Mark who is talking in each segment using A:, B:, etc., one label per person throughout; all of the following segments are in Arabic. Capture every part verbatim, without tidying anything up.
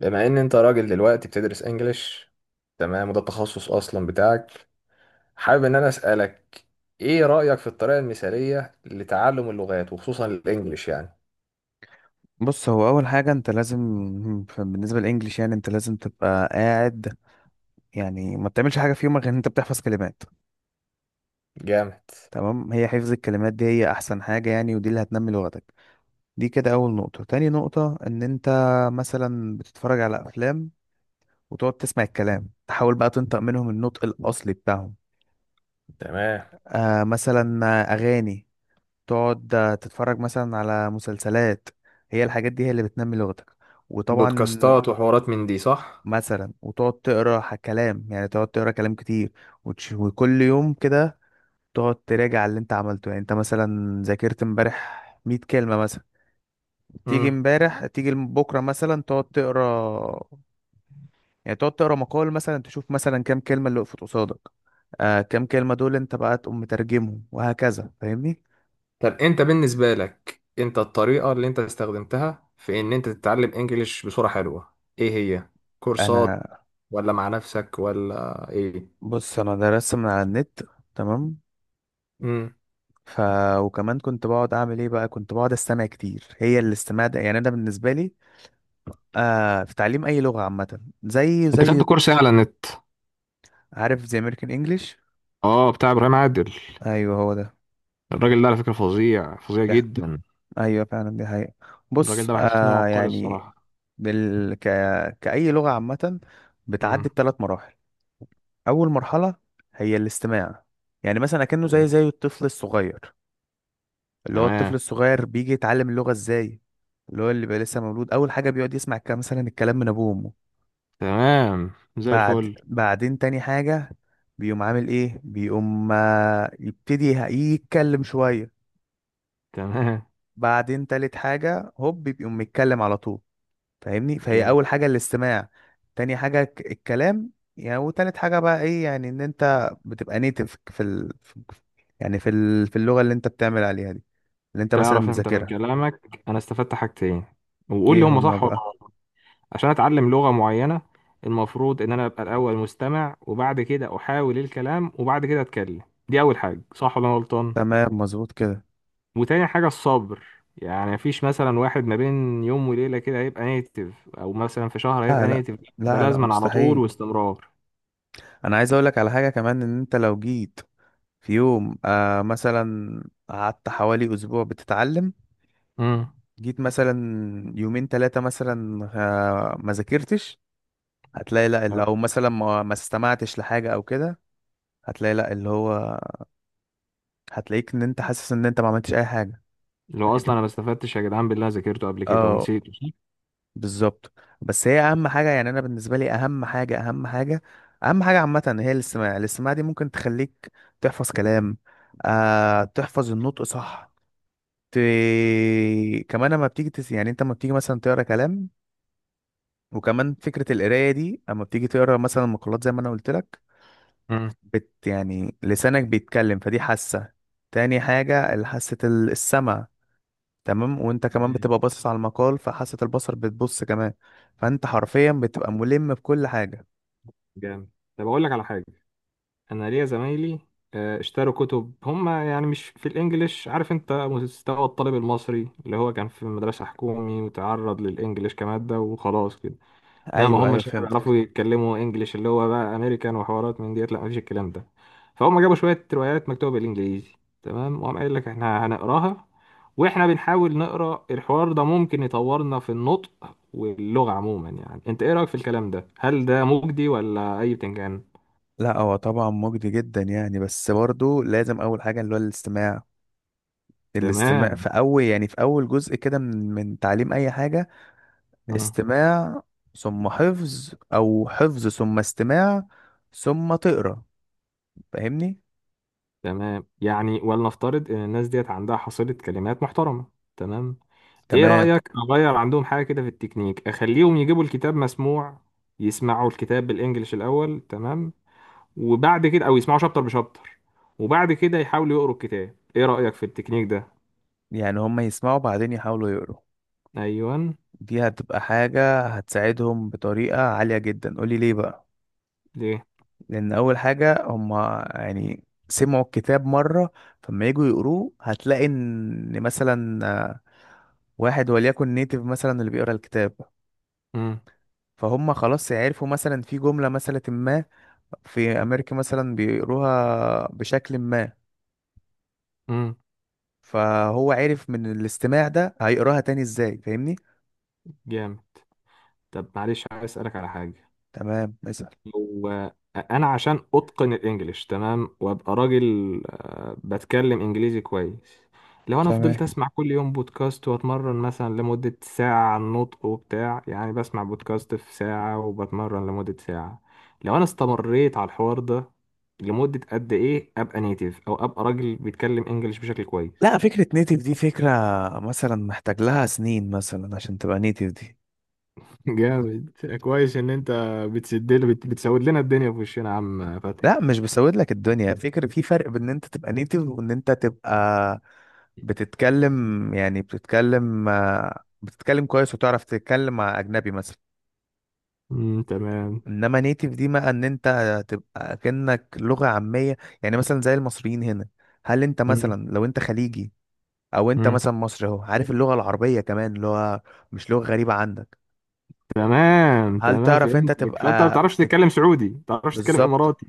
A: بما ان انت راجل دلوقتي بتدرس انجليش. تمام، وده التخصص اصلا بتاعك. حابب ان انا اسالك، ايه رايك في الطريقه المثاليه لتعلم اللغات وخصوصا الانجليش يعني؟
B: بص هو اول حاجه انت لازم، ف- بالنسبه للانجليش، يعني انت لازم تبقى قاعد. يعني ما بتعملش حاجه في يومك غير ان انت بتحفظ كلمات.
A: جامد.
B: تمام، هي حفظ الكلمات دي هي احسن حاجه يعني، ودي اللي هتنمي لغتك. دي كده اول نقطه. تاني نقطه ان انت مثلا بتتفرج على افلام، وتقعد تسمع الكلام، تحاول بقى تنطق منهم النطق الاصلي بتاعهم.
A: تمام.
B: آه مثلا اغاني، تقعد آه، تتفرج مثلا على مسلسلات. هي الحاجات دي هي اللي بتنمي لغتك. وطبعا
A: بودكاستات وحوارات من دي صح؟
B: مثلا وتقعد تقرا ح- كلام، يعني تقعد تقرا كلام كتير وتش... وكل يوم كده تقعد تراجع اللي انت عملته. يعني انت مثلا ذاكرت امبارح مية كلمة مثلا، تيجي
A: امم
B: امبارح تيجي بكرة مثلا تقعد تقرا، يعني تقعد تقرا مقال مثلا، تشوف مثلا كام كلمة اللي وقفت قصادك. آه كام كلمة دول انت بقى تقوم مترجمهم وهكذا. فاهمني؟
A: طب انت بالنسبه لك، انت الطريقه اللي انت استخدمتها في ان انت تتعلم انجليش بصوره حلوه ايه هي؟ كورسات
B: انا
A: ولا مع نفسك ولا ايه؟
B: بص انا درست من على النت. تمام.
A: امم
B: ف وكمان كنت بقعد اعمل ايه بقى، كنت بقعد استمع كتير. هي الاستماع ده يعني انا بالنسبة لي، آه في تعليم اي لغه عامه زي
A: انت
B: زي
A: خدت كورس ايه على النت؟
B: عارف، زي امريكان انجلش.
A: اه، بتاع ابراهيم عادل.
B: ايوه هو ده.
A: الراجل ده على فكرة فظيع، فظيع
B: دي ح-
A: جدا.
B: ايوه فعلا دي حقيقه.
A: الراجل
B: بص
A: ده بحس ان هو
B: آه
A: عبقري
B: يعني،
A: الصراحة.
B: بال... ك... كاي لغه عامه
A: امم
B: بتعدي بثلاث مراحل. اول مرحله هي الاستماع، يعني مثلا اكنه زي زي الطفل الصغير. اللي هو الطفل
A: تمام.
B: الصغير بيجي يتعلم اللغه ازاي؟ اللي هو اللي بقى لسه مولود، اول حاجه بيقعد يسمع كده مثلا الكلام من ابوه وامه.
A: تمام، زي
B: بعد
A: الفل.
B: بعدين تاني حاجة بيقوم عامل ايه، بيقوم آه، يبتدي ه- يتكلم شوية.
A: تمام.
B: بعدين تالت حاجة هوب بيقوم متكلم على طول. فاهمني؟ فهي
A: جامد.
B: أول حاجة الاستماع، تاني حاجة ك- الكلام يعني، وتالت حاجة بقى ايه؟ يعني ان انت بتبقى نيتف في ال... في- يعني في ال... في اللغة اللي انت بتعمل عليها دي، اللي انت مثلا
A: تعرف، انت من
B: بتذاكرها.
A: كلامك انا استفدت حاجتين، وقول
B: ايه
A: لي هما
B: هما
A: صح ولا
B: بقى؟
A: غلط. عشان اتعلم لغة معينة، المفروض ان انا ابقى الاول مستمع وبعد كده احاول الكلام وبعد كده اتكلم. دي اول حاجة، صح ولا انا غلطان؟
B: تمام مظبوط كده.
A: وتاني حاجة الصبر. يعني مفيش مثلا واحد ما بين يوم وليلة كده هيبقى نيتف، أو مثلا في شهر
B: لا
A: هيبقى
B: لا
A: نيتف. ده
B: لا لا
A: لازما على طول
B: مستحيل.
A: واستمرار.
B: انا عايز اقولك على حاجة كمان، ان انت لو جيت في يوم آه مثلا قعدت حوالي أسبوع بتتعلم،
A: امم
B: جيت مثلا يومين ثلاثة مثلا آه ما ذاكرتش، هتلاقي لا اللي أو
A: آه.
B: مثلا ما, ما استمعتش لحاجة أو كده. هتلاقي لا اللي هو، هتلاقيك إن أنت حاسس إن أنت ما عملتش أي حاجة.
A: لو أصلا
B: فاهمني؟
A: أنا ما استفدتش يا جدعان، بالله ذاكرته قبل كده
B: اه
A: ونسيته صح؟
B: بالظبط. بس هي أهم حاجة، يعني أنا بالنسبة لي أهم حاجة، أهم حاجة، أهم حاجة عامة هي الاستماع. الاستماع دي ممكن تخليك تحفظ كلام، آه تحفظ النطق صح. ت... كمان اما بتيجي تس... يعني انت اما بتيجي مثلا تقرا كلام، وكمان فكرة القراية دي اما بتيجي تقرا مثلا مقالات زي ما انا قلت لك،
A: امم
B: بت يعني لسانك بيتكلم فدي حاسة. تاني حاجة حاسة ال- السمع. تمام وانت كمان
A: تمام.
B: بتبقى باصص على المقال فحاسة البصر بتبص كمان. فانت حرفيا بتبقى ملم بكل حاجة.
A: جامد. طب أقول لك على حاجة. أنا ليا زمايلي، آه، اشتروا كتب هم، يعني مش في الإنجليش. عارف أنت مستوى الطالب المصري اللي هو كان في مدرسة حكومي وتعرض للإنجليش كمادة وخلاص كده. لا، ما
B: ايوه ايوه
A: هماش يعني بيعرفوا
B: فهمتك.
A: يتكلموا انجليش اللي هو بقى امريكان وحوارات من ديت. لا، مفيش الكلام ده. فهم جابوا شويه روايات مكتوبه بالانجليزي. تمام، وقام قايل لك احنا هنقراها، واحنا بنحاول نقرا الحوار ده ممكن يطورنا في النطق واللغه عموما. يعني انت ايه رايك في الكلام ده؟ هل ده مجدي ولا اي بتنجان؟
B: لا هو طبعا مجدي جدا يعني، بس برضو لازم اول حاجة اللي هو الاستماع. الاستماع
A: تمام.
B: في اول، يعني في اول جزء كده من من تعليم اي حاجة.
A: مم.
B: استماع ثم حفظ، او حفظ ثم استماع، ثم تقرا. فاهمني؟
A: تمام، يعني ولنفترض ان الناس ديت عندها حصيله كلمات محترمه. تمام. ايه
B: تمام
A: رأيك اغير عندهم حاجة كده في التكنيك؟ اخليهم يجيبوا الكتاب مسموع، يسمعوا الكتاب بالانجلش الاول، تمام، وبعد كده او يسمعوا شابتر بشابتر، وبعد كده يحاولوا يقروا الكتاب. ايه رأيك في التكنيك ده؟
B: يعني هما يسمعوا بعدين يحاولوا يقروا.
A: ايوه.
B: دي هتبقى حاجة هتساعدهم بطريقة عالية جدا. قولي ليه بقى.
A: ليه؟
B: لأن أول حاجة هما يعني سمعوا الكتاب مرة، فما يجوا يقروه هتلاقي إن مثلا آه، واحد وليكن نيتيف مثلا اللي بيقرا الكتاب.
A: امم
B: فهم خلاص يعرفوا مثلا في جملة مثلا ما في امريكا مثلا بيقروها بشكل ما،
A: امم
B: فهو عرف من الاستماع ده هيقراها تاني ازاي. فاهمني؟
A: جامد. طب معلش، عايز اسالك على حاجة.
B: تمام مثلا.
A: هو انا عشان اتقن الانجليش، تمام، وابقى راجل آه، بتكلم انجليزي كويس، لو انا
B: تمام.
A: فضلت اسمع كل يوم بودكاست واتمرن مثلا لمدة ساعة على النطق وبتاع، يعني بسمع بودكاست في ساعة وبتمرن لمدة ساعة، لو انا استمريت على الحوار ده لمدة قد ايه ابقى نيتيف او ابقى راجل بيتكلم انجليش بشكل كويس؟
B: لا فكرة نيتيف دي فكرة مثلا محتاج لها سنين مثلا عشان تبقى نيتيف دي.
A: جامد. كويس ان انت بتسد بت- بتسود لنا الدنيا في وشنا يا عم فتحي.
B: لا مش بسود لك الدنيا، فكرة في فرق بين ان انت تبقى نيتيف وان انت تبقى بتتكلم، يعني بتتكلم آه، بتتكلم كويس وتعرف تتكلم مع اجنبي مثلا.
A: امم تمام.
B: انما نيتيف دي بقى ان انت تبقى كأنك لغة عامية، يعني مثلا زي المصريين هنا. هل انت مثلا لو انت خليجي او انت
A: امم
B: مثلا مصري اهو، عارف اللغة العربية كمان، اللي هو مش لغة غريبة عندك.
A: تمام.
B: هل
A: تمام،
B: تعرف انت
A: فهمتك. فانت ما
B: تبقى
A: بتعرفش تتكلم
B: تك...
A: سعودي، ما بتعرفش تتكلم
B: بالظبط.
A: اماراتي.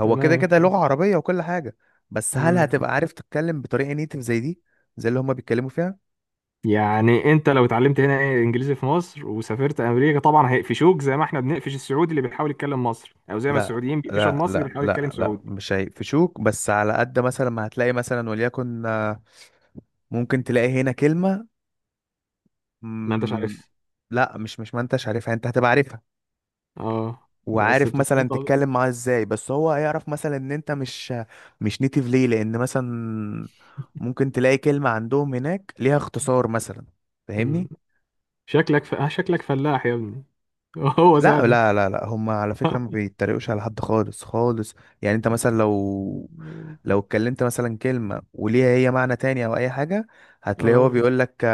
B: هو كده
A: تمام.
B: كده لغة عربية وكل حاجة. بس هل
A: مم.
B: هتبقى عارف تتكلم بطريقة نيتيف زي دي، زي اللي هما بيتكلموا فيها.
A: يعني انت لو اتعلمت هنا ايه انجليزي في مصر وسافرت امريكا، طبعا هيقفشوك زي ما احنا بنقفش السعودي اللي بيحاول يتكلم مصري، او زي ما
B: لا
A: السعوديين بيقفشوا
B: لا
A: المصري اللي
B: لا
A: بيحاول يتكلم
B: لا لا،
A: سعودي.
B: مش هيقفشوك. بس على قد مثلا ما هتلاقي مثلا وليكن آه، ممكن تلاقي هنا كلمة
A: ما انتش
B: مم...
A: عارف.
B: لا مش مش ما انتش عارفها، انت هتبقى عارفها
A: اه، بس
B: وعارف مثلا
A: بتتفضل.
B: تتكلم معاه ازاي. بس هو هيعرف مثلا ان انت مش مش نيتيف. ليه؟ لان مثلا ممكن تلاقي كلمة عندهم هناك ليها اختصار مثلا. فاهمني؟
A: شكلك ف... آه، شكلك فلاح يا ابني. هو
B: لا
A: سهل.
B: لا لا لا، هم على فكرة ما بيتريقوش على حد خالص خالص. يعني انت مثلا لو لو اتكلمت مثلا كلمة وليها هي معنى تاني او اي حاجة، هتلاقيه هو
A: اه.
B: بيقول لك،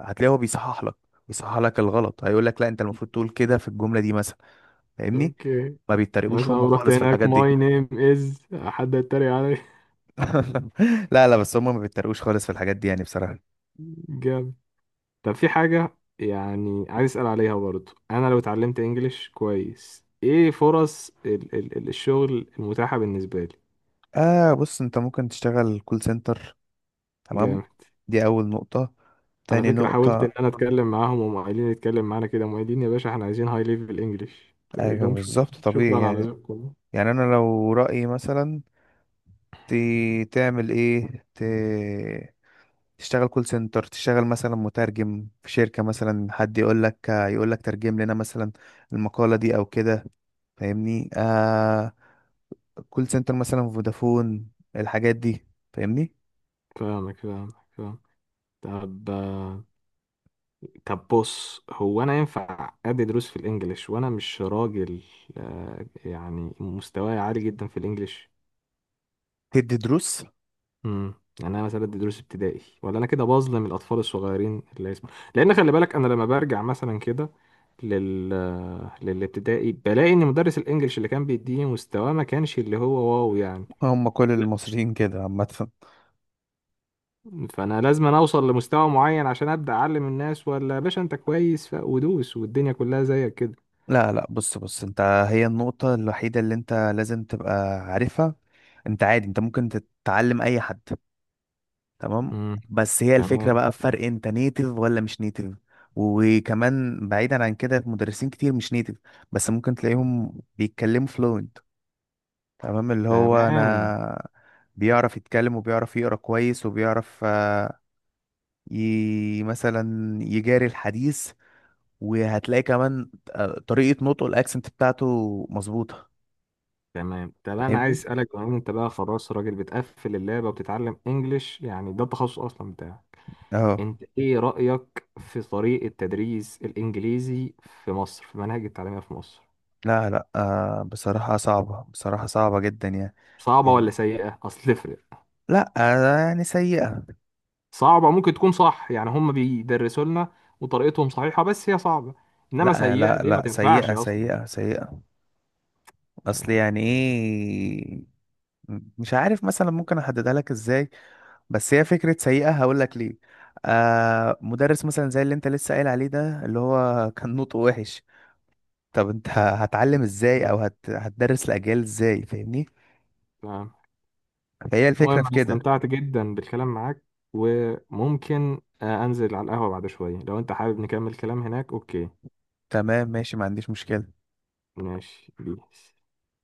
B: هتلاقيه هو بيصحح لك، بيصحح لك الغلط. هيقول لك لا انت المفروض تقول كده في الجملة دي مثلا. فاهمني؟
A: اوكي.
B: ما
A: مثلا
B: بيتريقوش هم
A: لو رحت
B: خالص في
A: هناك
B: الحاجات دي.
A: ماي نيم از، حد يتريق علي؟
B: لا لا، بس هم ما بيتريقوش خالص في الحاجات دي يعني بصراحة.
A: جامد. طب في حاجة يعني عايز أسأل عليها برضو. أنا لو اتعلمت إنجليش كويس، إيه فرص ال ال ال- الشغل المتاحة بالنسبة لي؟
B: آه بص انت ممكن تشتغل كول سنتر. تمام،
A: جامد.
B: دي اول نقطة.
A: على
B: تاني
A: فكرة حاولت إن
B: نقطة
A: أنا أتكلم معاهم، وهم قايلين نتكلم معانا كده، هم قايلين يا باشا إحنا عايزين هاي ليفل إنجليش. تقول
B: ايوه
A: لهم شكرا،
B: بالظبط طبيعي
A: شكرا على
B: يعني.
A: ذوقكم.
B: يعني انا لو رأيي مثلا، ت... تعمل ايه، ت... تشتغل كول سنتر، تشتغل مثلا مترجم في شركة مثلا. حد يقول لك يقول لك ترجم لنا مثلا المقالة دي او كده. فاهمني؟ آه كول سنتر مثلا فودافون، الحاجات دي. فاهمني؟
A: فاهمك، فاهمك، فاهم. طب، طب بص، هو أنا ينفع أدي دروس في الإنجليش وأنا مش راجل، آه، يعني مستواي عالي جدا في الإنجليش؟
B: تدي دروس.
A: امم يعني انا مثلا ادي دروس ابتدائي ولا انا كده بظلم الاطفال الصغيرين اللي اسمه، لان خلي بالك انا لما برجع مثلا كده لل للابتدائي بلاقي ان مدرس الانجليش اللي كان بيديني مستواه ما كانش اللي هو واو يعني.
B: هم كل المصريين كده عامة.
A: فانا لازم أنا اوصل لمستوى معين عشان ابدا اعلم الناس، ولا يا باشا انت كويس ف- ودوس والدنيا كلها زيك كده؟
B: لا لا بص بص انت هي النقطة الوحيدة اللي انت لازم تبقى عارفها. انت عادي انت ممكن تتعلم اي حد. تمام.
A: امم
B: بس هي الفكرة
A: تمام.
B: بقى، في فرق انت نيتف ولا مش نيتف. وكمان بعيدا عن كده، مدرسين كتير مش نيتف بس ممكن تلاقيهم بيتكلموا فلوينت. تمام اللي هو
A: تمام.
B: انا بيعرف يتكلم وبيعرف يقرا كويس وبيعرف آه، ي... مثلا يجاري الحديث. وهتلاقي كمان آه، طريقة نطقه الاكسنت بتاعته مظبوطة.
A: تمام. طب انا عايز
B: فاهمني؟
A: اسالك، بما إن انت بقى خلاص راجل بتقفل اللعبه وبتتعلم انجليش، يعني ده التخصص اصلا بتاعك،
B: اه.
A: انت ايه رأيك في طريقة تدريس الانجليزي في مصر، في مناهج التعليمية في مصر؟
B: لا لا آه بصراحة صعبة، بصراحة صعبة جدا يعني.
A: صعبة ولا
B: يعني
A: سيئة؟ اصل تفرق.
B: لا آه، يعني سيئة.
A: صعبة ممكن تكون صح، يعني هم بيدرسوا لنا وطريقتهم صحيحة بس هي صعبة. انما
B: لا
A: سيئة
B: لا
A: اللي هي ما
B: لا،
A: تنفعش
B: سيئة سيئة
A: اصلا.
B: سيئة. اصل
A: يعني
B: يعني
A: س-
B: ايه؟ مش عارف مثلا ممكن احددها لك ازاي، بس هي فكرة سيئة. هقول لك ليه. آه مدرس مثلا زي اللي انت لسه قايل عليه ده، اللي هو كان نطقه وحش. طب انت ه- هتعلم ازاي او
A: مم.
B: هت... هتدرس الاجيال ازاي؟ فاهمني؟
A: تمام.
B: فهي الفكره
A: المهم
B: في
A: انا
B: كده.
A: استمتعت جدا بالكلام معاك، وممكن آه، انزل على القهوة بعد شوية لو انت حابب نكمل كلام هناك. اوكي،
B: تمام ماشي ما عنديش مشكله.
A: ماشي بيس.